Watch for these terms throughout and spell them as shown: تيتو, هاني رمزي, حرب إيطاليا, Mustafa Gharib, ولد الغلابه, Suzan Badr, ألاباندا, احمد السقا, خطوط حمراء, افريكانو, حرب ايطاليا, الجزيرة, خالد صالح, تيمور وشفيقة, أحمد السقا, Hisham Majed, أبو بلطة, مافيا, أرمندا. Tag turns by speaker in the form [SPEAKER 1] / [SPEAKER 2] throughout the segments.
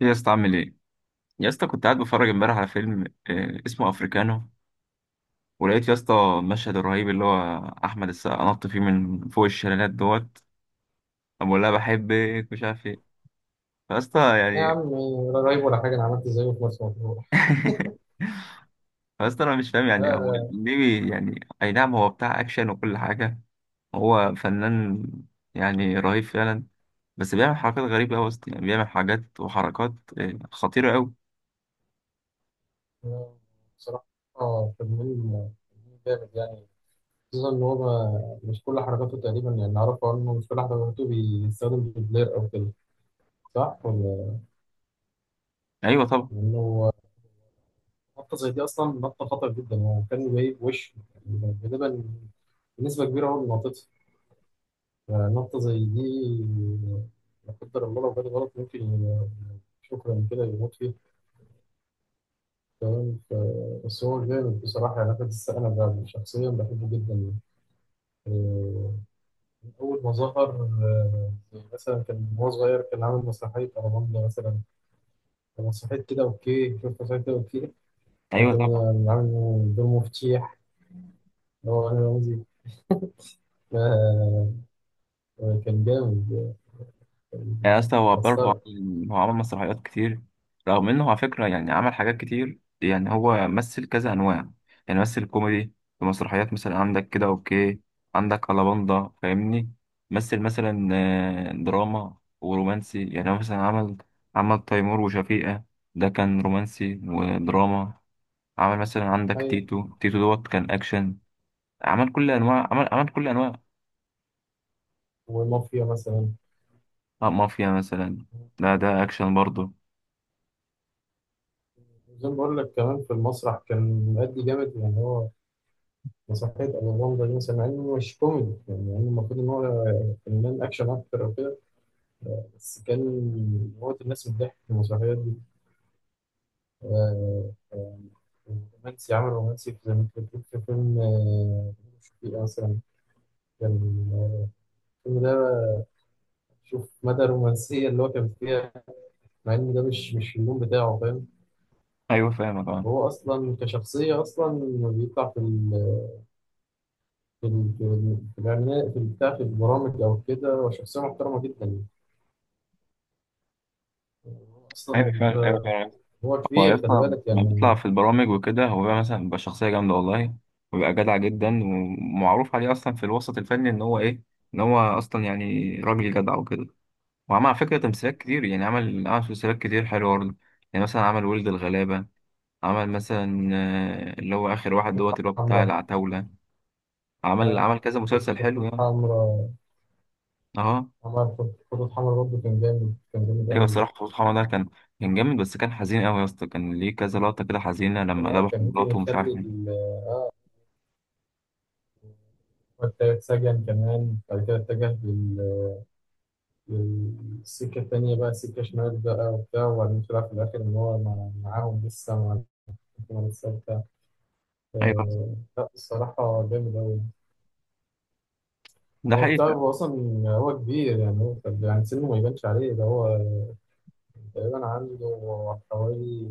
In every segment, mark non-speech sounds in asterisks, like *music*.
[SPEAKER 1] يا اسطى، عامل ايه؟ يا اسطى، كنت قاعد بتفرج امبارح على فيلم. آه، اسمه افريكانو. ولقيت يا اسطى المشهد الرهيب اللي هو احمد السقا نط فيه من فوق الشلالات دوت. أما بقول لها بحبك مش عارف ايه. فيا اسطى
[SPEAKER 2] يا عم،
[SPEAKER 1] يعني.
[SPEAKER 2] ولا رهيب ولا حاجة، أنا عملت زيه في مرسى مطروح.
[SPEAKER 1] *laughs* فيا اسطى، انا مش فاهم،
[SPEAKER 2] لا
[SPEAKER 1] يعني هو
[SPEAKER 2] لا
[SPEAKER 1] ليه يعني اي نعم، هو بتاع اكشن وكل حاجه. هو فنان، يعني رهيب فعلا. بس بيعمل حركات غريبه قوي يا اسطى، يعني بيعمل حاجات وحركات آه، خطيره قوي.
[SPEAKER 2] لا، بصراحة تمرين تمرين جامد يعني. خصوصا إن هو مش كل حركاته تقريبا، يعني أعرفه إنه مش كل حركاته بيستخدم دوبلير أو كده، صح ولا؟
[SPEAKER 1] ايوه طبعا.
[SPEAKER 2] إنه نطة زي دي أصلا نطة خطر جدا، هو كان جايب وش يعني، غالبا بنسبة كبيرة هو اللي نطتها. نطة زي دي لا قدر الله لو جت غلط ممكن ي- شكرا كده يموت فيها، فاهم؟ بس هو جامد بصراحة يعني، أنا بس أنا شخصيا بحبه جدا. آه، من أول ما ظهر. آه، مثلا كان وهو صغير كان عامل مسرحية أرمندا مثلا، كان مسرحية كده أوكي، شوف مسرحية كده أوكي،
[SPEAKER 1] ايوه
[SPEAKER 2] لكن
[SPEAKER 1] طبعا.
[SPEAKER 2] عامل دور مفتيح اللي هو أنا رمزي. آه، كان جامد. آه، كان
[SPEAKER 1] يعني يا اسطى، هو برضه
[SPEAKER 2] مسخرة.
[SPEAKER 1] هو عمل مسرحيات كتير. رغم انه على فكرة يعني عمل حاجات كتير، يعني هو مثل كذا انواع. يعني مثل كوميدي في مسرحيات، مثلا عندك كده اوكي، عندك ألاباندا فاهمني. مثل مثلا آه، دراما ورومانسي، يعني هو مثلا عمل عمل تيمور وشفيقة، ده كان رومانسي ودراما. عمل مثلا عندك
[SPEAKER 2] أيوة،
[SPEAKER 1] تيتو تيتو دوت، كان اكشن. عمل كل انواع، عمل كل انواع.
[SPEAKER 2] ومافيا مثلا.
[SPEAKER 1] آه، مافيا مثلا. لا ده اكشن برضه.
[SPEAKER 2] زي ما بقول لك، كمان في المسرح كان مأدي جامد يعني. هو مسرحية أبو بلطة دي مثلا، مع إنه مش كوميدي يعني المفروض إن هو فنان أكشن أكتر أو كده، بس كان موت الناس من الضحك في المسرحيات دي. آه، آه، رومانسي. عمل رومانسي، في زي ما أنت بتقول في فيلم، آه، شفيق مثلا. كان، آه، الفيلم ده، شوف مدى الرومانسية اللي هو كان فيها، مع إن ده مش اللون بتاعه، فاهم.
[SPEAKER 1] ايوه فاهمك اه.
[SPEAKER 2] هو أصلا كشخصية أصلا لما بيطلع في في الإعلانات، في البتاع، في البرامج أو كده، هو شخصية محترمة جدا
[SPEAKER 1] ايوه
[SPEAKER 2] أصلا
[SPEAKER 1] فعلا. ايوه
[SPEAKER 2] ده.
[SPEAKER 1] فعلا.
[SPEAKER 2] هو
[SPEAKER 1] هو يا
[SPEAKER 2] كبير،
[SPEAKER 1] اسطى
[SPEAKER 2] خلي بالك
[SPEAKER 1] لما بيطلع
[SPEAKER 2] يعني.
[SPEAKER 1] في البرامج وكده، هو بقى مثلا بيبقى شخصيه جامده والله. وبيبقى جدع جدا، ومعروف عليه اصلا في الوسط الفني ان هو ايه، ان هو اصلا يعني راجل جدع وكده. وعمل على فكره تمثيلات كتير، يعني عمل تمثيلات كتير حلوه برضه. يعني مثلا عمل ولد الغلابه. عمل مثلا آه، اللي هو اخر واحد دوت،
[SPEAKER 2] خطوط
[SPEAKER 1] اللي هو بتاع
[SPEAKER 2] حمراء.
[SPEAKER 1] العتاوله. عمل
[SPEAKER 2] آه،
[SPEAKER 1] عمل كذا
[SPEAKER 2] خطوط
[SPEAKER 1] مسلسل حلو
[SPEAKER 2] خطوط
[SPEAKER 1] يعني.
[SPEAKER 2] حمراء.
[SPEAKER 1] اه.
[SPEAKER 2] عمل خطوط حمراء، برضه كان جامد، كان جامد
[SPEAKER 1] ايوه
[SPEAKER 2] أوي.
[SPEAKER 1] الصراحه سبحان الله، كان جامد. بس كان حزين قوي يا اسطى، كان ليه كذا لقطه كده حزينه
[SPEAKER 2] ممكن
[SPEAKER 1] لما
[SPEAKER 2] آه،
[SPEAKER 1] ذبح
[SPEAKER 2] كان ممكن
[SPEAKER 1] مراته ومش
[SPEAKER 2] يخلي
[SPEAKER 1] عارف مين.
[SPEAKER 2] وقتها اتسجن، كمان بعد كده اتجه للسكة التانية بقى، سكة شمال بقى وبتاع، وبعدين طلع في الآخر إن هو معاهم لسه مع الحكومة الثابتة.
[SPEAKER 1] ايوه
[SPEAKER 2] آه، لا الصراحة جامد أوي.
[SPEAKER 1] ده
[SPEAKER 2] هو بتاع،
[SPEAKER 1] حقيقة.
[SPEAKER 2] هو أصلا هو كبير يعني، هو يعني سنه ما يبانش عليه. ده هو تقريبا عنده حوالي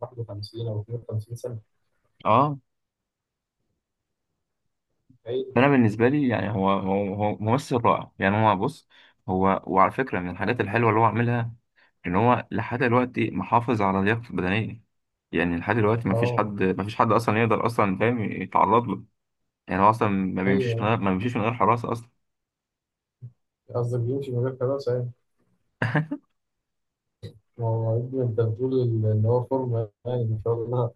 [SPEAKER 2] 51 أو 52 سنة.
[SPEAKER 1] اه.
[SPEAKER 2] أيوة.
[SPEAKER 1] فانا بالنسبه لي يعني هو ممثل رائع، يعني هو بص. هو، وعلى فكره من الحاجات الحلوه اللي هو عاملها، ان هو لحد دلوقتي محافظ على لياقته البدنيه. يعني لحد دلوقتي ما فيش
[SPEAKER 2] أه.
[SPEAKER 1] حد ما فيش حد اصلا يقدر، اصلا فاهم، يتعرض له. يعني هو اصلا ما بيمشيش من
[SPEAKER 2] أيوه،
[SPEAKER 1] غير ما بيمشيش من غير حراسه اصلا.
[SPEAKER 2] قصدك بيمشي من غير كراسة يعني؟
[SPEAKER 1] *laughs*
[SPEAKER 2] ما هو يا ابني أنت بتقول إن هو فورمة يعني، ما شاء الله.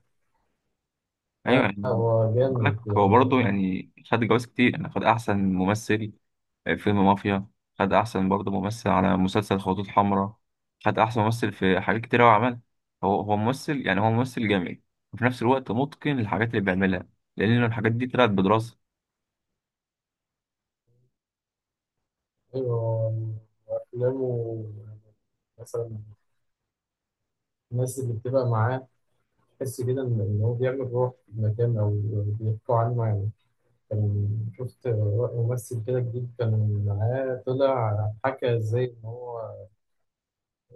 [SPEAKER 1] ايوه
[SPEAKER 2] لا
[SPEAKER 1] يعني.
[SPEAKER 2] هو
[SPEAKER 1] خد بالك،
[SPEAKER 2] جامد.
[SPEAKER 1] هو برضه
[SPEAKER 2] آه،
[SPEAKER 1] يعني خد جوائز كتير، يعني خد احسن ممثل فيلم مافيا. خد أحسن برضه ممثل على مسلسل خطوط حمراء. خد أحسن ممثل في حاجات كتير أوي عملها. هو ممثل، يعني هو ممثل جامد، وفي نفس الوقت متقن للحاجات اللي بيعملها، لأن الحاجات دي طلعت بدراسة.
[SPEAKER 2] أيوه، وأفلامه مثلا، الناس اللي بتبقى معاه تحس كده إن إن هو بيعمل روح في المكان، أو بيحكوا عنه يعني. كان شفت ممثل كده جديد كان معاه، طلع حكى إزاي إن هو،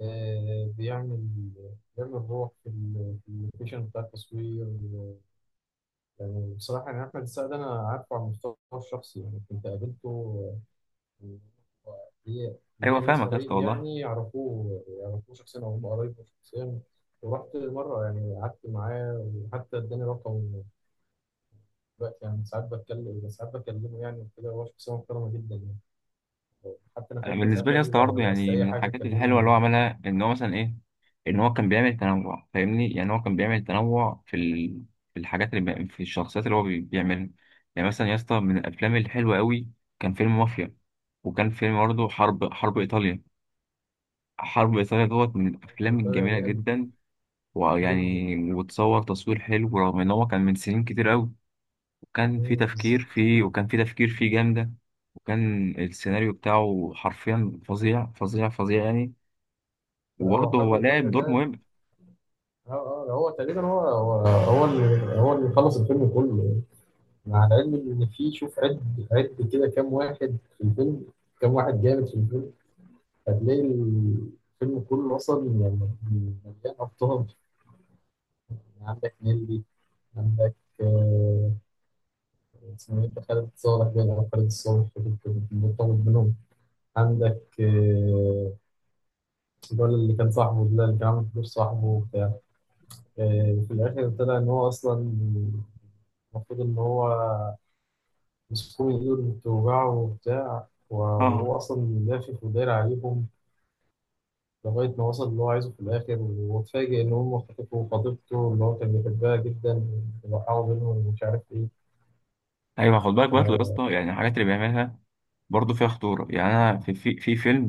[SPEAKER 2] آه، بيعمل روح في في اللوكيشن بتاع التصوير يعني. بصراحة يعني أحمد السقا أنا عارفه على المستوى الشخصي يعني، كنت قابلته. آه، ليا
[SPEAKER 1] أيوة
[SPEAKER 2] ليا ناس
[SPEAKER 1] فاهمك يا اسطى
[SPEAKER 2] قريب
[SPEAKER 1] والله.
[SPEAKER 2] يعني، يعرفوه يعرفوه شخصيا، أو هم قرايبه شخصيا. ورحت مرة يعني، قعدت معاه وحتى اداني رقمه. دلوقتي يعني ساعات بتكلم، ساعات بكلمه يعني وكده. هو شخصية محترمة جدا يعني، حتى أنا
[SPEAKER 1] أنا
[SPEAKER 2] فاكر
[SPEAKER 1] بالنسبة
[SPEAKER 2] ساعات
[SPEAKER 1] لي يا
[SPEAKER 2] قال لي
[SPEAKER 1] اسطى برضه
[SPEAKER 2] لو عايز
[SPEAKER 1] يعني
[SPEAKER 2] أي
[SPEAKER 1] من
[SPEAKER 2] حاجة
[SPEAKER 1] الحاجات الحلوة
[SPEAKER 2] كلمني
[SPEAKER 1] اللي
[SPEAKER 2] يعني.
[SPEAKER 1] هو عملها إن هو مثلا إيه، إن هو كان بيعمل تنوع فاهمني، يعني هو كان بيعمل تنوع في الحاجات اللي في الشخصيات اللي هو بيعملها. يعني مثلا يا اسطى، من الأفلام الحلوة أوي كان فيلم مافيا. وكان فيلم برضه حرب إيطاليا. حرب إيطاليا دوت من الأفلام
[SPEAKER 2] *laughs*
[SPEAKER 1] الجميلة
[SPEAKER 2] جامد
[SPEAKER 1] جدا،
[SPEAKER 2] جدا.
[SPEAKER 1] ويعني وتصور تصوير حلو رغم إن هو كان من سنين كتير أوي. وكان في
[SPEAKER 2] مم،
[SPEAKER 1] تفكير
[SPEAKER 2] بالظبط.
[SPEAKER 1] فيه وكان في تفكير فيه جامدة. وكان السيناريو بتاعه حرفيا فظيع فظيع فظيع يعني.
[SPEAKER 2] هو
[SPEAKER 1] وبرضه
[SPEAKER 2] حرب
[SPEAKER 1] هو
[SPEAKER 2] ايطاليا
[SPEAKER 1] لعب دور
[SPEAKER 2] ده،
[SPEAKER 1] مهم.
[SPEAKER 2] اه، اه، هو تقريبا هو اللي، هو اللي خلص الفيلم كله. مع العلم ان في، شوف عد عد كده كام واحد في الفيلم، كام واحد جامد في الفيلم، هتلاقي الفيلم كله اصلا يعني مليان ابطال. يعني عندك نيلي، عندك، آه، اسمه ايه ده؟ خالد صالح، باين او خالد الصالح كنت مرتبط بينهم. عندك، آه، الولد اللي كان صاحبه ده، اللي كان عامل فلوس صاحبه وبتاع، آه، في الآخر طلع إن هو أصلا، المفروض إن هو مسكوه من إيده بتوجعه وبتاع، وهو
[SPEAKER 1] اه.
[SPEAKER 2] أصلا لافف وداير عليهم لغاية ما وصل اللي هو عايزه في الآخر، واتفاجئ إن هم خطفوا خطيبته اللي هو كان بيحبها جدا، وقعوا بينهم ومش عارف إيه.
[SPEAKER 1] أيوه خد بالك
[SPEAKER 2] ف...
[SPEAKER 1] برضه يا اسطى، يعني الحاجات اللي بيعملها برضه فيها خطورة. يعني أنا في فيلم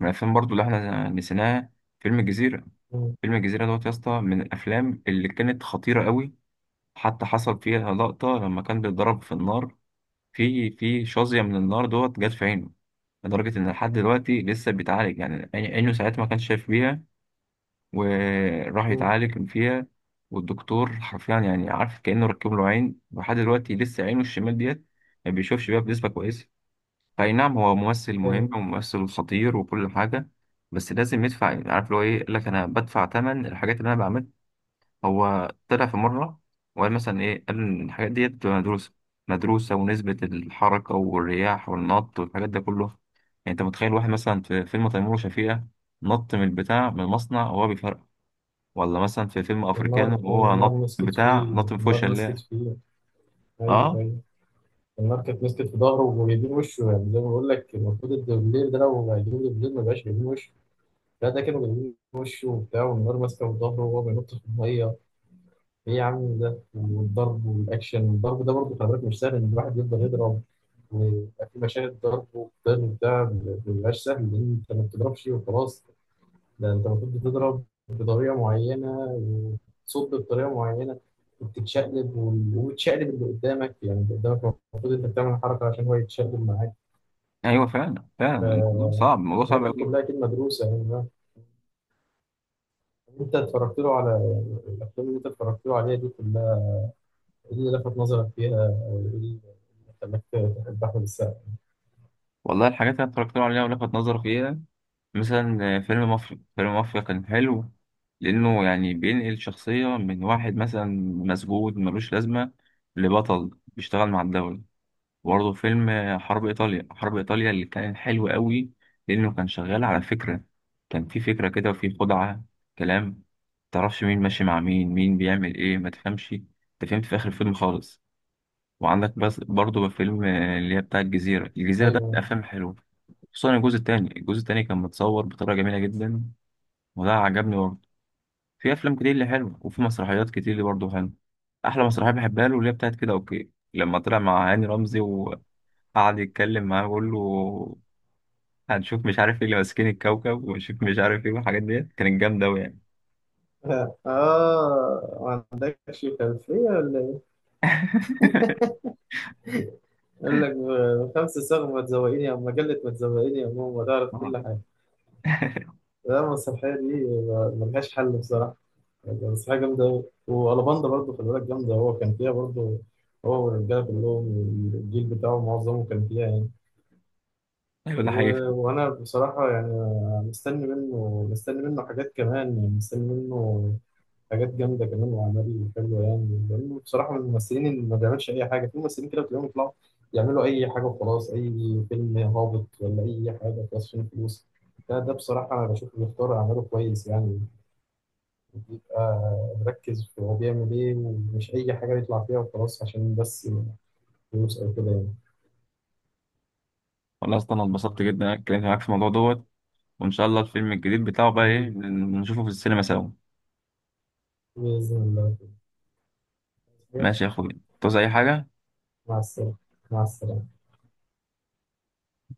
[SPEAKER 1] من الأفلام برضه اللي إحنا نسيناها، فيلم الجزيرة.
[SPEAKER 2] مم،
[SPEAKER 1] فيلم الجزيرة دوت يا اسطى من الأفلام اللي كانت خطيرة أوي. حتى حصل فيها لقطة لما كان بيتضرب في النار، في شظية من النار دوت جت في عينه. لدرجة إن لحد دلوقتي لسه بيتعالج، يعني عينه ساعتها ما كانش شايف بيها، وراح
[SPEAKER 2] مم،
[SPEAKER 1] يتعالج فيها. والدكتور حرفيا يعني، عارف، كأنه ركب له عين، ولحد دلوقتي لسه عينه الشمال ديت ما بيشوفش بيها بنسبة كويسة. فأي نعم، هو ممثل مهم
[SPEAKER 2] أيوه.
[SPEAKER 1] وممثل خطير وكل حاجة، بس لازم يدفع. عارف اللي هو إيه، يقول لك أنا بدفع تمن الحاجات اللي أنا بعملها. هو طلع في مرة وقال مثلا إيه، قال إن الحاجات ديت بتبقى مدروسة. مدروسة ونسبة الحركة والرياح والنط والحاجات ده كله، يعني أنت متخيل واحد مثلا في فيلم تيمور وشفيقة نط من البتاع، من المصنع وهو بيفرقع؟ ولا مثلا في فيلم أفريكانو
[SPEAKER 2] والنار،
[SPEAKER 1] وهو
[SPEAKER 2] والنار
[SPEAKER 1] نط من
[SPEAKER 2] مسكت
[SPEAKER 1] البتاع،
[SPEAKER 2] فيه،
[SPEAKER 1] نط من فوق
[SPEAKER 2] النار مسكت
[SPEAKER 1] الشلال؟
[SPEAKER 2] فيه. أيوه
[SPEAKER 1] أه.
[SPEAKER 2] أيوه. النار كانت مسكت في ظهره وجايبين وشه، يعني زي ما بقول لك، المفروض الدبلير ده لو هيجيبوا دبلير ما بقاش جايبين وشه. لا ده كانوا جايبين وشه وبتاع، والنار ماسكه في ظهره وهو بينط في الميه. ايه يا عم ده، والضرب والاكشن والضرب ده برضه خلي بالك مش سهل، ان الواحد يفضل يضرب ويبقى في مشاهد ضرب وقتال وبتاع، ما بيبقاش سهل، لان انت ما بتضربش وخلاص. ده انت المفروض بتضرب بطريقه معينه، وتصد بطريقه معينه، وبتتشقلب وتشقلب اللي قدامك، يعني اللي قدامك المفروض انت بتعمل حركه عشان هو يتشقلب معاك.
[SPEAKER 1] أيوه فعلا فعلا، الموضوع صعب، الموضوع
[SPEAKER 2] فالحاجات
[SPEAKER 1] صعب
[SPEAKER 2] دي
[SPEAKER 1] أوي.
[SPEAKER 2] كلها كده مدروسه يعني. انت اتفرجت له على الافلام اللي انت اتفرجت له عليها دي كلها، ايه اللي لفت نظرك فيها، او ايه اللي خلاك تحب احمد السقا؟
[SPEAKER 1] والله الحاجات اللي أنا اتفرجت عليها ولفت نظري فيها، مثلا فيلم مافيا. فيلم مافيا كان حلو، لأنه يعني بينقل شخصية من واحد مثلا مسجون ملوش لازمة لبطل بيشتغل مع الدولة. برضه فيلم حرب إيطاليا. حرب إيطاليا اللي كان حلو قوي، لأنه كان شغال على فكرة. كان في فكرة كده وفي خدعة، كلام متعرفش مين ماشي مع مين، مين بيعمل إيه، ما تفهمش أنت. فهمت في آخر الفيلم خالص. وعندك بس برضه فيلم اللي هي بتاع الجزيرة. الجزيرة ده من
[SPEAKER 2] ايوه.
[SPEAKER 1] الأفلام الحلوة، خصوصا الجزء التاني. الجزء التاني كان متصور بطريقة جميلة جدا، وده عجبني برضه. في أفلام كتير اللي حلوة، وفي مسرحيات كتير اللي برضه حلوة. أحلى مسرحية بحبها له اللي هي بتاعت كده أوكي، لما طلع مع هاني رمزي وقعد يتكلم معاه ويقول له هنشوف مش عارف ايه اللي ماسكين الكوكب، ونشوف مش عارف ايه، والحاجات ديت كانت جامدة أوي يعني.
[SPEAKER 2] *laughs* اه، ما عندكش خلفيه ولا ايه؟
[SPEAKER 1] *laughs*
[SPEAKER 2] يقول لك بخمس صاغ ما تزوقيني، او مجله ما تزوقيني يا ماما، تعرف
[SPEAKER 1] آه.
[SPEAKER 2] كل حاجه. لا المسرحيه دي ملهاش حل بصراحه، المسرحيه جامده أوي. والباندا برضه خلي بالك جامده، هو كان فيها برضه، هو والرجاله كلهم، الجيل بتاعه معظمه كان فيها يعني.
[SPEAKER 1] ايوه ده حقيقي.
[SPEAKER 2] وانا بصراحه يعني مستني منه حاجات كمان، يعني مستني منه حاجات جامده كمان واعمال حلوه يعني، لانه بصراحه من الممثلين اللي ما بيعملش اي حاجه. في ممثلين كده بتلاقيهم يطلعوا يعملوا اي حاجه وخلاص، اي فيلم هابط ولا اي حاجه خلاص، فين فلوس. ده بصراحه انا بشوفه بيختار اعماله كويس يعني، بيبقى مركز في هو بيعمل ايه، ومش اي حاجه يطلع فيها وخلاص عشان بس فلوس او كده
[SPEAKER 1] والله اصلا انا اتبسطت
[SPEAKER 2] يعني.
[SPEAKER 1] جدا إن انا اتكلمت معاك في الموضوع دوت، وان شاء الله الفيلم الجديد بتاعه بقى ايه
[SPEAKER 2] آمين،
[SPEAKER 1] نشوفه في السينما سوا.
[SPEAKER 2] بإذن الله.
[SPEAKER 1] ماشي يا اخويا، تعوز اي حاجة؟
[SPEAKER 2] مع السلامة، مع السلامة.